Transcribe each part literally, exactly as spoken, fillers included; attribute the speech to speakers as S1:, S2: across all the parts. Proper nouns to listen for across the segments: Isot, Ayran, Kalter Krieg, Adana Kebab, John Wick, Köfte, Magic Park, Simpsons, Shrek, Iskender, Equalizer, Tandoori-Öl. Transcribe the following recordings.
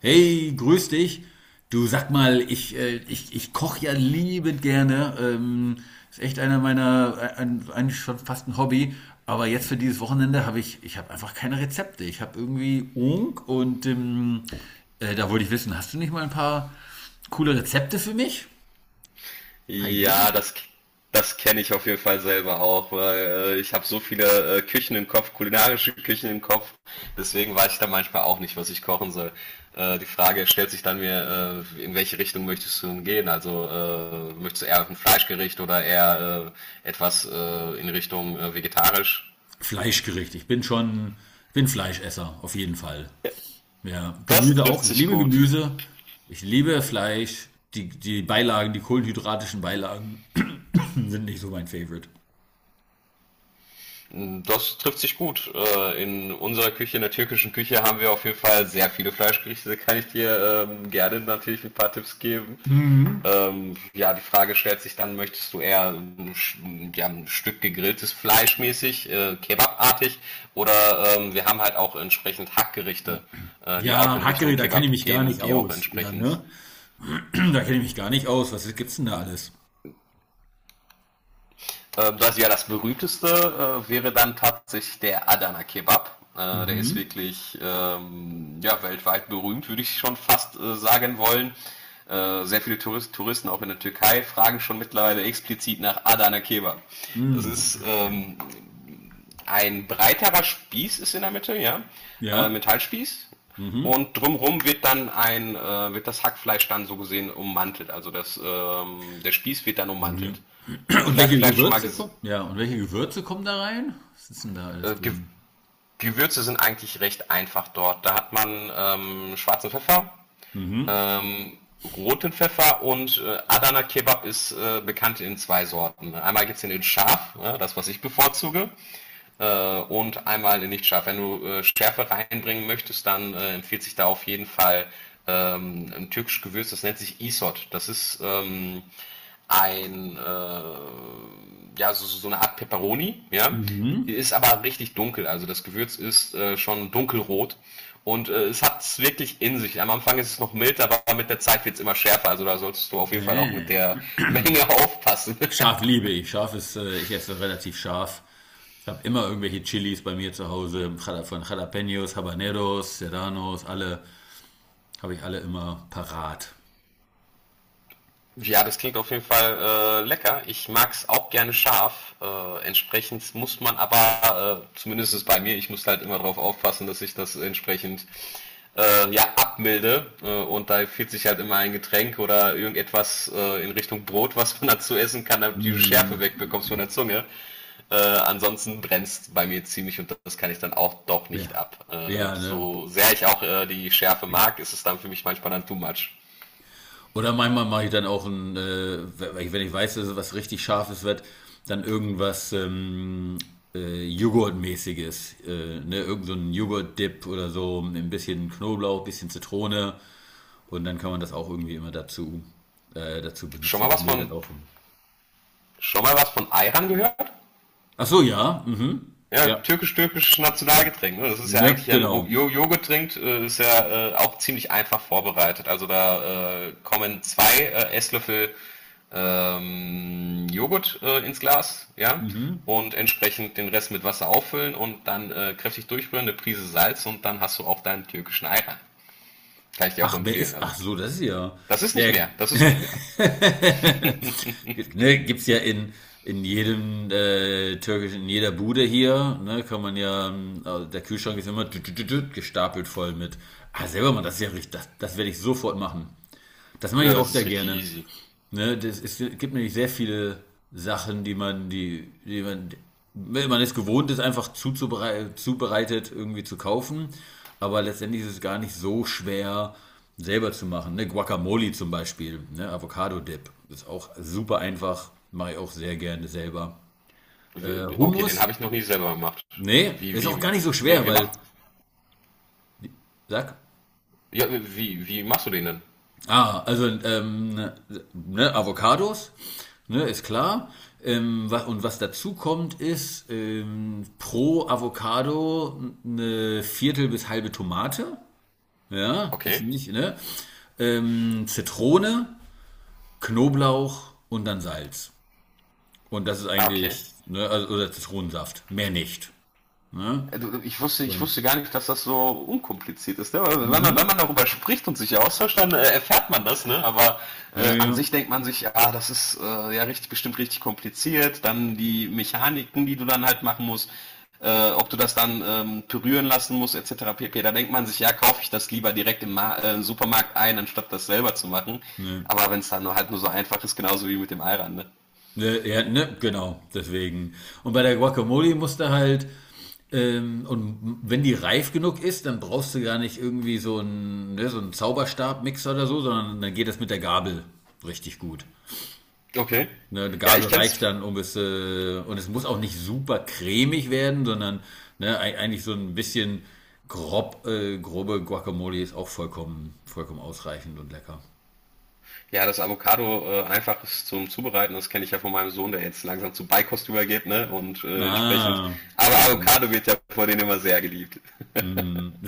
S1: Hey, grüß dich. Du sag mal, ich, äh, ich, ich koche ja liebend gerne. Ähm, ist echt einer meiner, ein, ein- eigentlich schon fast ein Hobby. Aber jetzt für dieses Wochenende habe ich, ich habe einfach keine Rezepte. Ich habe irgendwie Unk und ähm, äh, da wollte ich wissen, hast du nicht mal ein paar coole Rezepte für mich? Ein paar
S2: Ja,
S1: Ideen?
S2: das, das kenne ich auf jeden Fall selber auch, weil äh, ich habe so viele äh, Küchen im Kopf, kulinarische Küchen im Kopf, deswegen weiß ich da manchmal auch nicht, was ich kochen soll. Äh, die Frage stellt sich dann mir, äh, in welche Richtung möchtest du denn gehen? Also äh, möchtest du eher ein Fleischgericht oder eher äh, etwas äh, in Richtung äh, vegetarisch?
S1: Fleischgericht. Ich bin schon, ich bin Fleischesser, auf jeden Fall.
S2: Ja,
S1: Ja,
S2: das
S1: Gemüse
S2: trifft
S1: auch. Ich
S2: sich
S1: liebe
S2: gut.
S1: Gemüse. Ich liebe Fleisch. Die, die Beilagen, die kohlenhydratischen Beilagen sind nicht so mein Favorite.
S2: Das trifft sich gut. Äh, In unserer Küche, in der türkischen Küche, haben wir auf jeden Fall sehr viele Fleischgerichte. Da kann ich dir ähm, gerne natürlich ein paar Tipps geben.
S1: Mhm.
S2: Ähm, ja, die Frage stellt sich dann, möchtest du eher ähm, sch- ja, ein Stück gegrilltes Fleisch mäßig, äh, kebabartig, oder ähm, wir haben halt auch entsprechend Hackgerichte, äh, die auch
S1: Ja,
S2: in Richtung
S1: Hackery, da kenne ich
S2: Kebab
S1: mich gar
S2: gehen und
S1: nicht
S2: die auch
S1: aus. Ja,
S2: entsprechend.
S1: ne? Da kenne ich mich gar nicht aus. Was gibt's denn da alles?
S2: Ähm, das ja das berühmteste äh, wäre dann tatsächlich der Adana Kebab. Äh, der ist
S1: Mhm.
S2: wirklich ähm, ja, weltweit berühmt, würde ich schon fast äh, sagen wollen. Äh, sehr viele Touris- Touristen, auch in der Türkei, fragen schon mittlerweile explizit nach Adana Kebab. Das
S1: Mhm.
S2: ist ähm, ein breiterer Spieß ist in der Mitte, ja, äh,
S1: Ja.
S2: Metallspieß.
S1: Mhm.
S2: Und drumherum wird dann ein, äh, wird das Hackfleisch dann so gesehen ummantelt. Also das, ähm, der Spieß wird dann
S1: Ja.
S2: ummantelt. Äh,
S1: Und
S2: vielleicht,
S1: welche
S2: vielleicht schon mal
S1: Gewürze
S2: ges-
S1: kommen? Ja, und welche Gewürze kommen da rein? Was ist denn da alles
S2: äh, Ge
S1: drin?
S2: Gewürze sind eigentlich recht einfach dort. Da hat man ähm, schwarzen Pfeffer,
S1: Mhm.
S2: ähm, roten Pfeffer und äh, Adana Kebab ist äh, bekannt in zwei Sorten. Einmal gibt's den in scharf, ne, das was ich bevorzuge, äh, und einmal in nicht scharf. Wenn du äh, Schärfe reinbringen möchtest, dann äh, empfiehlt sich da auf jeden Fall ähm, ein türkisches Gewürz, das nennt sich Isot. Das ist ähm, ein äh, ja, so, so so eine Art Peperoni, ja.
S1: Mhm.
S2: Ist aber richtig dunkel. Also das Gewürz ist äh, schon dunkelrot. Und äh, es hat es wirklich in sich. Am Anfang ist es noch mild, aber mit der Zeit wird es immer schärfer. Also da solltest du auf jeden Fall auch mit
S1: Nee.
S2: der Menge aufpassen.
S1: Scharf liebe ich. Scharf ist, äh, ich esse relativ scharf. Ich habe immer irgendwelche Chilis bei mir zu Hause, Jala- von Jalapenos, Habaneros, Serranos, alle, habe ich alle immer parat.
S2: Ja, das klingt auf jeden Fall äh, lecker. Ich mag es auch gerne scharf. Äh, entsprechend muss man aber, äh, zumindest bei mir, ich muss halt immer darauf aufpassen, dass ich das entsprechend äh, ja, abmilde. Äh, und da empfiehlt sich halt immer ein Getränk oder irgendetwas äh, in Richtung Brot, was man dazu essen kann, damit du die Schärfe
S1: Mm,
S2: wegbekommst von der Zunge. Äh, ansonsten brennst bei mir ziemlich und das kann ich dann auch doch
S1: ja,
S2: nicht ab. Äh,
S1: ja ne?
S2: so sehr ich auch äh, die Schärfe mag, ist es dann für mich manchmal dann too much.
S1: Oder manchmal mache ich dann auch ein, äh, wenn ich weiß, dass es was richtig Scharfes wird, dann irgendwas ähm, äh, Joghurtmäßiges. Äh, ne? Irgend so ein Joghurt-Dip oder so, ein bisschen Knoblauch, ein bisschen Zitrone. Und dann kann man das auch irgendwie immer dazu, äh, dazu
S2: Schon
S1: benutzen.
S2: mal
S1: Das
S2: was
S1: mildert
S2: von,
S1: auch.
S2: schon mal was von Ayran gehört?
S1: Ach so, ja. Mhm.
S2: Ja,
S1: Ja.
S2: türkisch-türkisches Nationalgetränk. Ne? Das ist ja
S1: Ne,
S2: eigentlich ein Ru-
S1: genau.
S2: Jo- Joghurttrink, äh, ist ja äh, auch ziemlich einfach vorbereitet. Also da äh, kommen zwei äh, Esslöffel ähm, Joghurt äh, ins Glas, ja,
S1: Mhm.
S2: und entsprechend den Rest mit Wasser auffüllen und dann äh, kräftig durchrühren, eine Prise Salz und dann hast du auch deinen türkischen Ayran. Kann ich dir auch
S1: Ach, wer
S2: empfehlen.
S1: ist?
S2: Also
S1: Ach so, das ist ja.
S2: das ist nicht mehr,
S1: Ne,
S2: das ist nicht mehr.
S1: ne, gibt's ja in in jedem äh, türkischen, in jeder Bude hier, ne, kann man ja, ähm, also der Kühlschrank ist immer tüt, tüt, tüt, tüt, gestapelt voll mit. Ah, selber mal, das ist ja richtig, das, das werde ich sofort machen. Das mache ich
S2: Ja,
S1: auch
S2: das ist
S1: sehr
S2: richtig
S1: gerne.
S2: easy.
S1: Ne, das ist, es gibt nämlich sehr viele Sachen, die man, die, die man, wenn man es gewohnt ist, einfach zuzuberei- zubereitet irgendwie zu kaufen. Aber letztendlich ist es gar nicht so schwer, selber zu machen. Ne? Guacamole zum Beispiel, ne? Avocado-Dip. Ist auch super einfach. Mache ich auch sehr gerne selber. Äh,
S2: Okay, den
S1: Hummus?
S2: habe ich noch nie selber gemacht.
S1: Nee,
S2: Wie,
S1: ist
S2: wie,
S1: auch gar
S2: wie
S1: nicht so
S2: Nee,
S1: schwer,
S2: wir
S1: weil,
S2: machen.
S1: sag,
S2: Ja, wie, wie machst du den denn?
S1: ah, also ähm, ne, Avocados, ne, ist klar. Ähm, was, und was dazu kommt, ist ähm, pro Avocado eine Viertel bis halbe Tomate. Ja,
S2: Okay.
S1: wissen nicht, ne? Ähm, Zitrone, Knoblauch und dann Salz. Und das ist
S2: Ah, okay.
S1: eigentlich, ne, also, oder Zitronensaft, mehr nicht. Ne?
S2: Ich wusste, ich
S1: Und,
S2: wusste gar nicht, dass das so unkompliziert ist. Ne? Wenn, man, wenn
S1: mhm.
S2: man darüber spricht und sich austauscht, dann äh, erfährt man das. Ne? Aber
S1: Ja,
S2: äh,
S1: ja,
S2: an
S1: ja,
S2: sich denkt man sich, ah, das ist äh, ja richtig, bestimmt richtig kompliziert. Dann die Mechaniken, die du dann halt machen musst, äh, ob du das dann ähm, pürieren lassen musst, et cetera pp. Da denkt man sich, ja, kaufe ich das lieber direkt im Ma äh, Supermarkt ein, anstatt das selber zu machen.
S1: ne.
S2: Aber wenn es dann nur, halt nur so einfach ist, genauso wie mit dem Eiran. Ne?
S1: Ne, ja, ne, genau, deswegen. Und bei der Guacamole musst du halt, ähm, und wenn die reif genug ist, dann brauchst du gar nicht irgendwie so einen, ne, so einen Zauberstabmixer oder so, sondern dann geht das mit der Gabel richtig gut.
S2: Okay.
S1: Ne, eine
S2: Ja,
S1: Gabel
S2: ich kenn's.
S1: reicht dann, um es, äh, und es muss auch nicht super cremig werden, sondern ne, ei- eigentlich so ein bisschen grob, äh, grobe Guacamole ist auch vollkommen, vollkommen ausreichend und lecker.
S2: Ja, das Avocado äh, einfach ist zum Zubereiten, das kenne ich ja von meinem Sohn, der jetzt langsam zu Beikost übergeht, ne? Und äh, entsprechend.
S1: Ah,
S2: Aber
S1: ja, ja.
S2: Avocado wird ja vor denen immer sehr geliebt.
S1: Hm.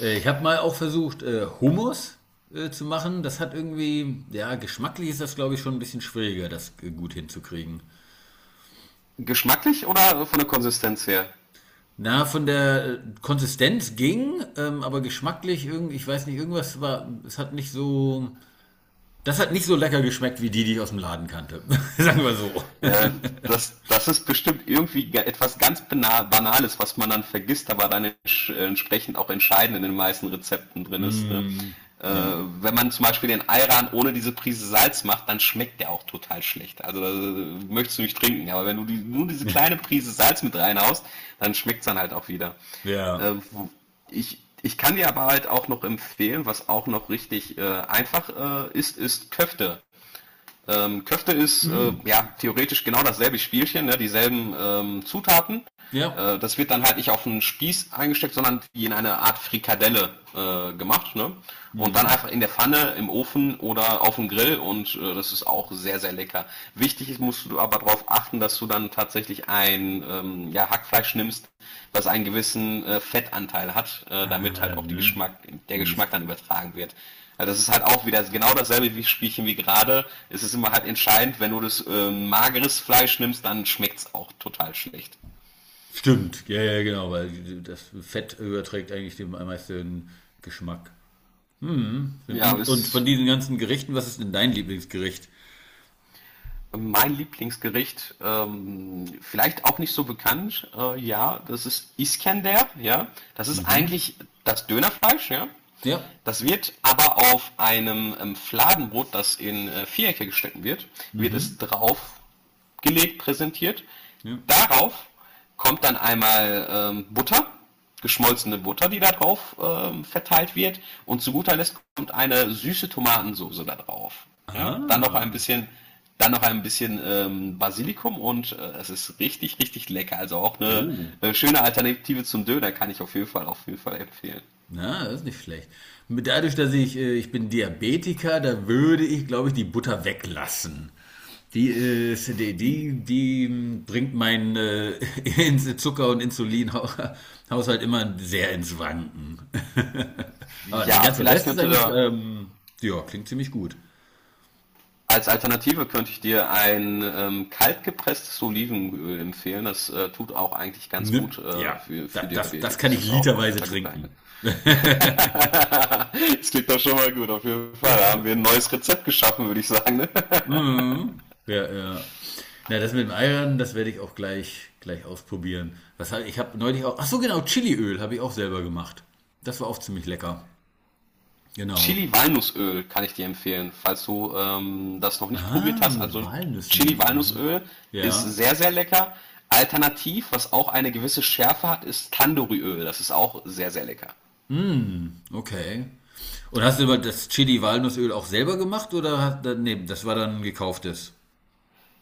S1: Äh, Ich habe mal auch versucht, äh, Hummus äh, zu machen. Das hat irgendwie, ja, geschmacklich ist das, glaube ich, schon ein bisschen schwieriger, das äh, gut hinzukriegen.
S2: Geschmacklich oder von der Konsistenz her?
S1: Na, von der äh, Konsistenz ging, ähm, aber geschmacklich irgendwie, ich weiß nicht, irgendwas war, es hat nicht so, das hat nicht so lecker geschmeckt wie die, die ich aus dem Laden kannte. Sagen wir so.
S2: Ja, das, das ist bestimmt irgendwie ga- etwas ganz Bana- Banales, was man dann vergisst, aber dann entsch- äh, entsprechend auch entscheidend in den meisten Rezepten drin ist. Ne?
S1: Hm,
S2: Äh,
S1: ja.
S2: wenn man zum Beispiel den Ayran ohne diese Prise Salz macht, dann schmeckt der auch total schlecht. Also äh, möchtest du nicht trinken, aber wenn du die, nur diese kleine Prise Salz mit reinhaust, dann schmeckt's dann halt auch wieder. Äh,
S1: Ja.
S2: wo- ich, ich kann dir aber halt auch noch empfehlen, was auch noch richtig äh, einfach äh, ist, ist Köfte. Ähm, Köfte ist äh,
S1: Mhm.
S2: ja theoretisch genau dasselbe Spielchen, ne, dieselben ähm, Zutaten.
S1: Ja.
S2: Äh, das wird dann halt nicht auf einen Spieß eingesteckt, sondern wie in eine Art Frikadelle äh, gemacht. Ne? Und dann
S1: Mhm.
S2: einfach in der Pfanne, im Ofen oder auf dem Grill und äh, das ist auch sehr, sehr lecker. Wichtig ist, musst du aber darauf achten, dass du dann tatsächlich ein ähm, ja, Hackfleisch nimmst, das einen gewissen äh, Fettanteil hat, äh,
S1: Ah,
S2: damit halt auch die
S1: ne.
S2: Geschmack, der Geschmack dann übertragen wird. Also das ist halt auch wieder genau dasselbe wie Spielchen wie gerade. Es ist immer halt entscheidend, wenn du das äh, mageres Fleisch nimmst, dann schmeckt's auch total schlecht.
S1: Stimmt, ja, ja, genau, weil das Fett überträgt eigentlich dem am meisten Geschmack. Mhm.
S2: Ja,
S1: Und, und von
S2: ist
S1: diesen ganzen Gerichten, was ist denn dein Lieblingsgericht?
S2: mein Lieblingsgericht. Ähm, vielleicht auch nicht so bekannt. Äh, ja, das ist Iskender. Ja, das ist
S1: Mhm.
S2: eigentlich das Dönerfleisch. Ja,
S1: Ja.
S2: das wird aber auf einem ähm, Fladenbrot, das in äh, Vierecke geschnitten wird, wird
S1: Mhm.
S2: es drauf gelegt, präsentiert.
S1: Ja.
S2: Darauf kommt dann einmal ähm, Butter, geschmolzene Butter, die da drauf ähm, verteilt wird. Und zu guter Letzt kommt eine süße Tomatensoße da drauf. Ja? Dann noch ein
S1: Ah.
S2: bisschen, dann noch ein bisschen ähm, Basilikum und äh, es ist richtig, richtig lecker. Also auch eine,
S1: Oh.
S2: äh, schöne Alternative zum Döner kann ich auf jeden Fall, auf jeden Fall empfehlen.
S1: Na, das ist nicht schlecht. Dadurch, dass ich, äh, ich bin Diabetiker, da würde ich, glaube ich, die Butter weglassen. Die, äh, ist- die, die, die mm, bringt meinen äh, Ins- Zucker- und Insulinhaushalt immer sehr ins Wanken. Aber der
S2: Ja,
S1: ganze
S2: vielleicht
S1: Rest ist
S2: könnte
S1: eigentlich,
S2: da
S1: ähm, ja, klingt ziemlich gut.
S2: als Alternative könnte ich dir ein ähm, kaltgepresstes Olivenöl empfehlen. Das äh, tut auch eigentlich ganz
S1: Ne?
S2: gut äh,
S1: Ja,
S2: für,
S1: da,
S2: für
S1: das, das
S2: Diabetik.
S1: kann
S2: Es
S1: ich
S2: ist auch auf jeden
S1: literweise
S2: Fall gut geeignet.
S1: trinken.
S2: Das klingt doch schon mal gut, auf jeden Fall. Da haben wir ein neues Rezept geschaffen, würde ich sagen. Ne?
S1: Mhm. Ja, ja. Na, das mit dem Eiern, das werde ich auch gleich, gleich ausprobieren. Was hab, ich habe neulich auch, ach so genau, Chiliöl habe ich auch selber gemacht. Das war auch ziemlich lecker. Genau.
S2: Chili-Walnussöl kann ich dir empfehlen, falls du ähm, das noch nicht probiert
S1: Ah,
S2: hast.
S1: mit
S2: Also
S1: Walnüssen. Mhm.
S2: Chili-Walnussöl ist
S1: Ja.
S2: sehr, sehr lecker. Alternativ, was auch eine gewisse Schärfe hat, ist Tandoori-Öl. Das ist auch sehr, sehr lecker.
S1: Mm, okay. Und hast du aber das Chili-Walnussöl auch selber gemacht oder hast, nee, das war dann gekauftes?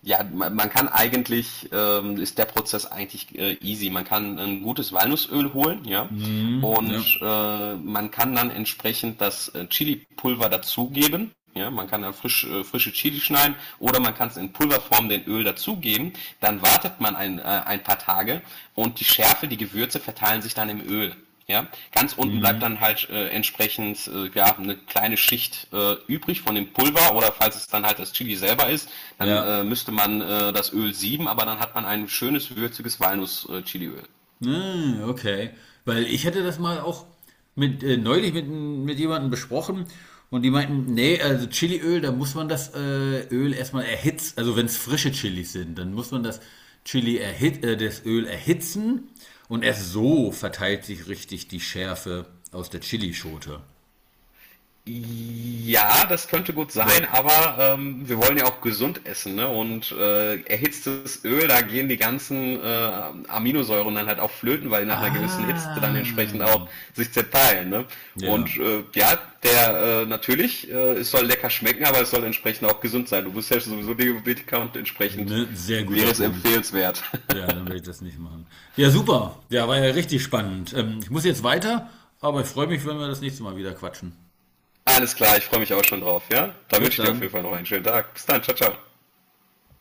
S2: Ja, man, man kann eigentlich, ähm, ist der Prozess eigentlich äh, easy. Man kann ein gutes Walnussöl holen, ja,
S1: Mhm, ne?
S2: und äh, man kann dann entsprechend das äh, Chili-Pulver dazugeben. Ja, man kann da frisch, äh, frische Chili schneiden oder man kann es in Pulverform den Öl dazugeben. Dann wartet man ein, äh, ein paar Tage und die Schärfe, die Gewürze verteilen sich dann im Öl. Ja, ganz unten bleibt
S1: Mhm.
S2: dann halt äh, entsprechend äh, ja, eine kleine Schicht äh, übrig von dem Pulver oder falls es dann halt das Chili selber ist, dann
S1: Ja.
S2: äh, müsste man äh, das Öl sieben, aber dann hat man ein schönes würziges Walnuss-Chiliöl.
S1: Ah, okay. Weil ich hätte das mal auch mit, äh, neulich mit, mit jemandem besprochen und die meinten, nee, also Chiliöl, da muss man das äh, Öl erstmal erhitzen. Also wenn es frische Chilis sind, dann muss man das Chili erhit äh, das Öl erhitzen und erst so verteilt sich richtig die Schärfe aus der Chilischote.
S2: Ja, das könnte gut sein,
S1: Weil-
S2: aber ähm, wir wollen ja auch gesund essen, ne? Und äh, erhitztes Öl, da gehen die ganzen äh, Aminosäuren dann halt auch flöten, weil die nach einer gewissen Hitze dann
S1: Ah,
S2: entsprechend auch sich zerteilen, ne?
S1: ja,
S2: Und äh, ja, der äh, natürlich, äh, es soll lecker schmecken, aber es soll entsprechend auch gesund sein. Du bist ja sowieso Diabetiker und entsprechend
S1: ne, sehr guter
S2: wäre es
S1: Punkt.
S2: empfehlenswert.
S1: Ja, dann will ich das nicht machen. Ja, super. Ja, war ja richtig spannend. Ähm, ich muss jetzt weiter, aber ich freue mich, wenn wir das nächste Mal wieder quatschen.
S2: Alles klar, ich freue mich auch schon drauf, ja? Dann
S1: Bis
S2: wünsche ich dir auf jeden
S1: dann.
S2: Fall noch einen schönen Tag. Bis dann, ciao, ciao.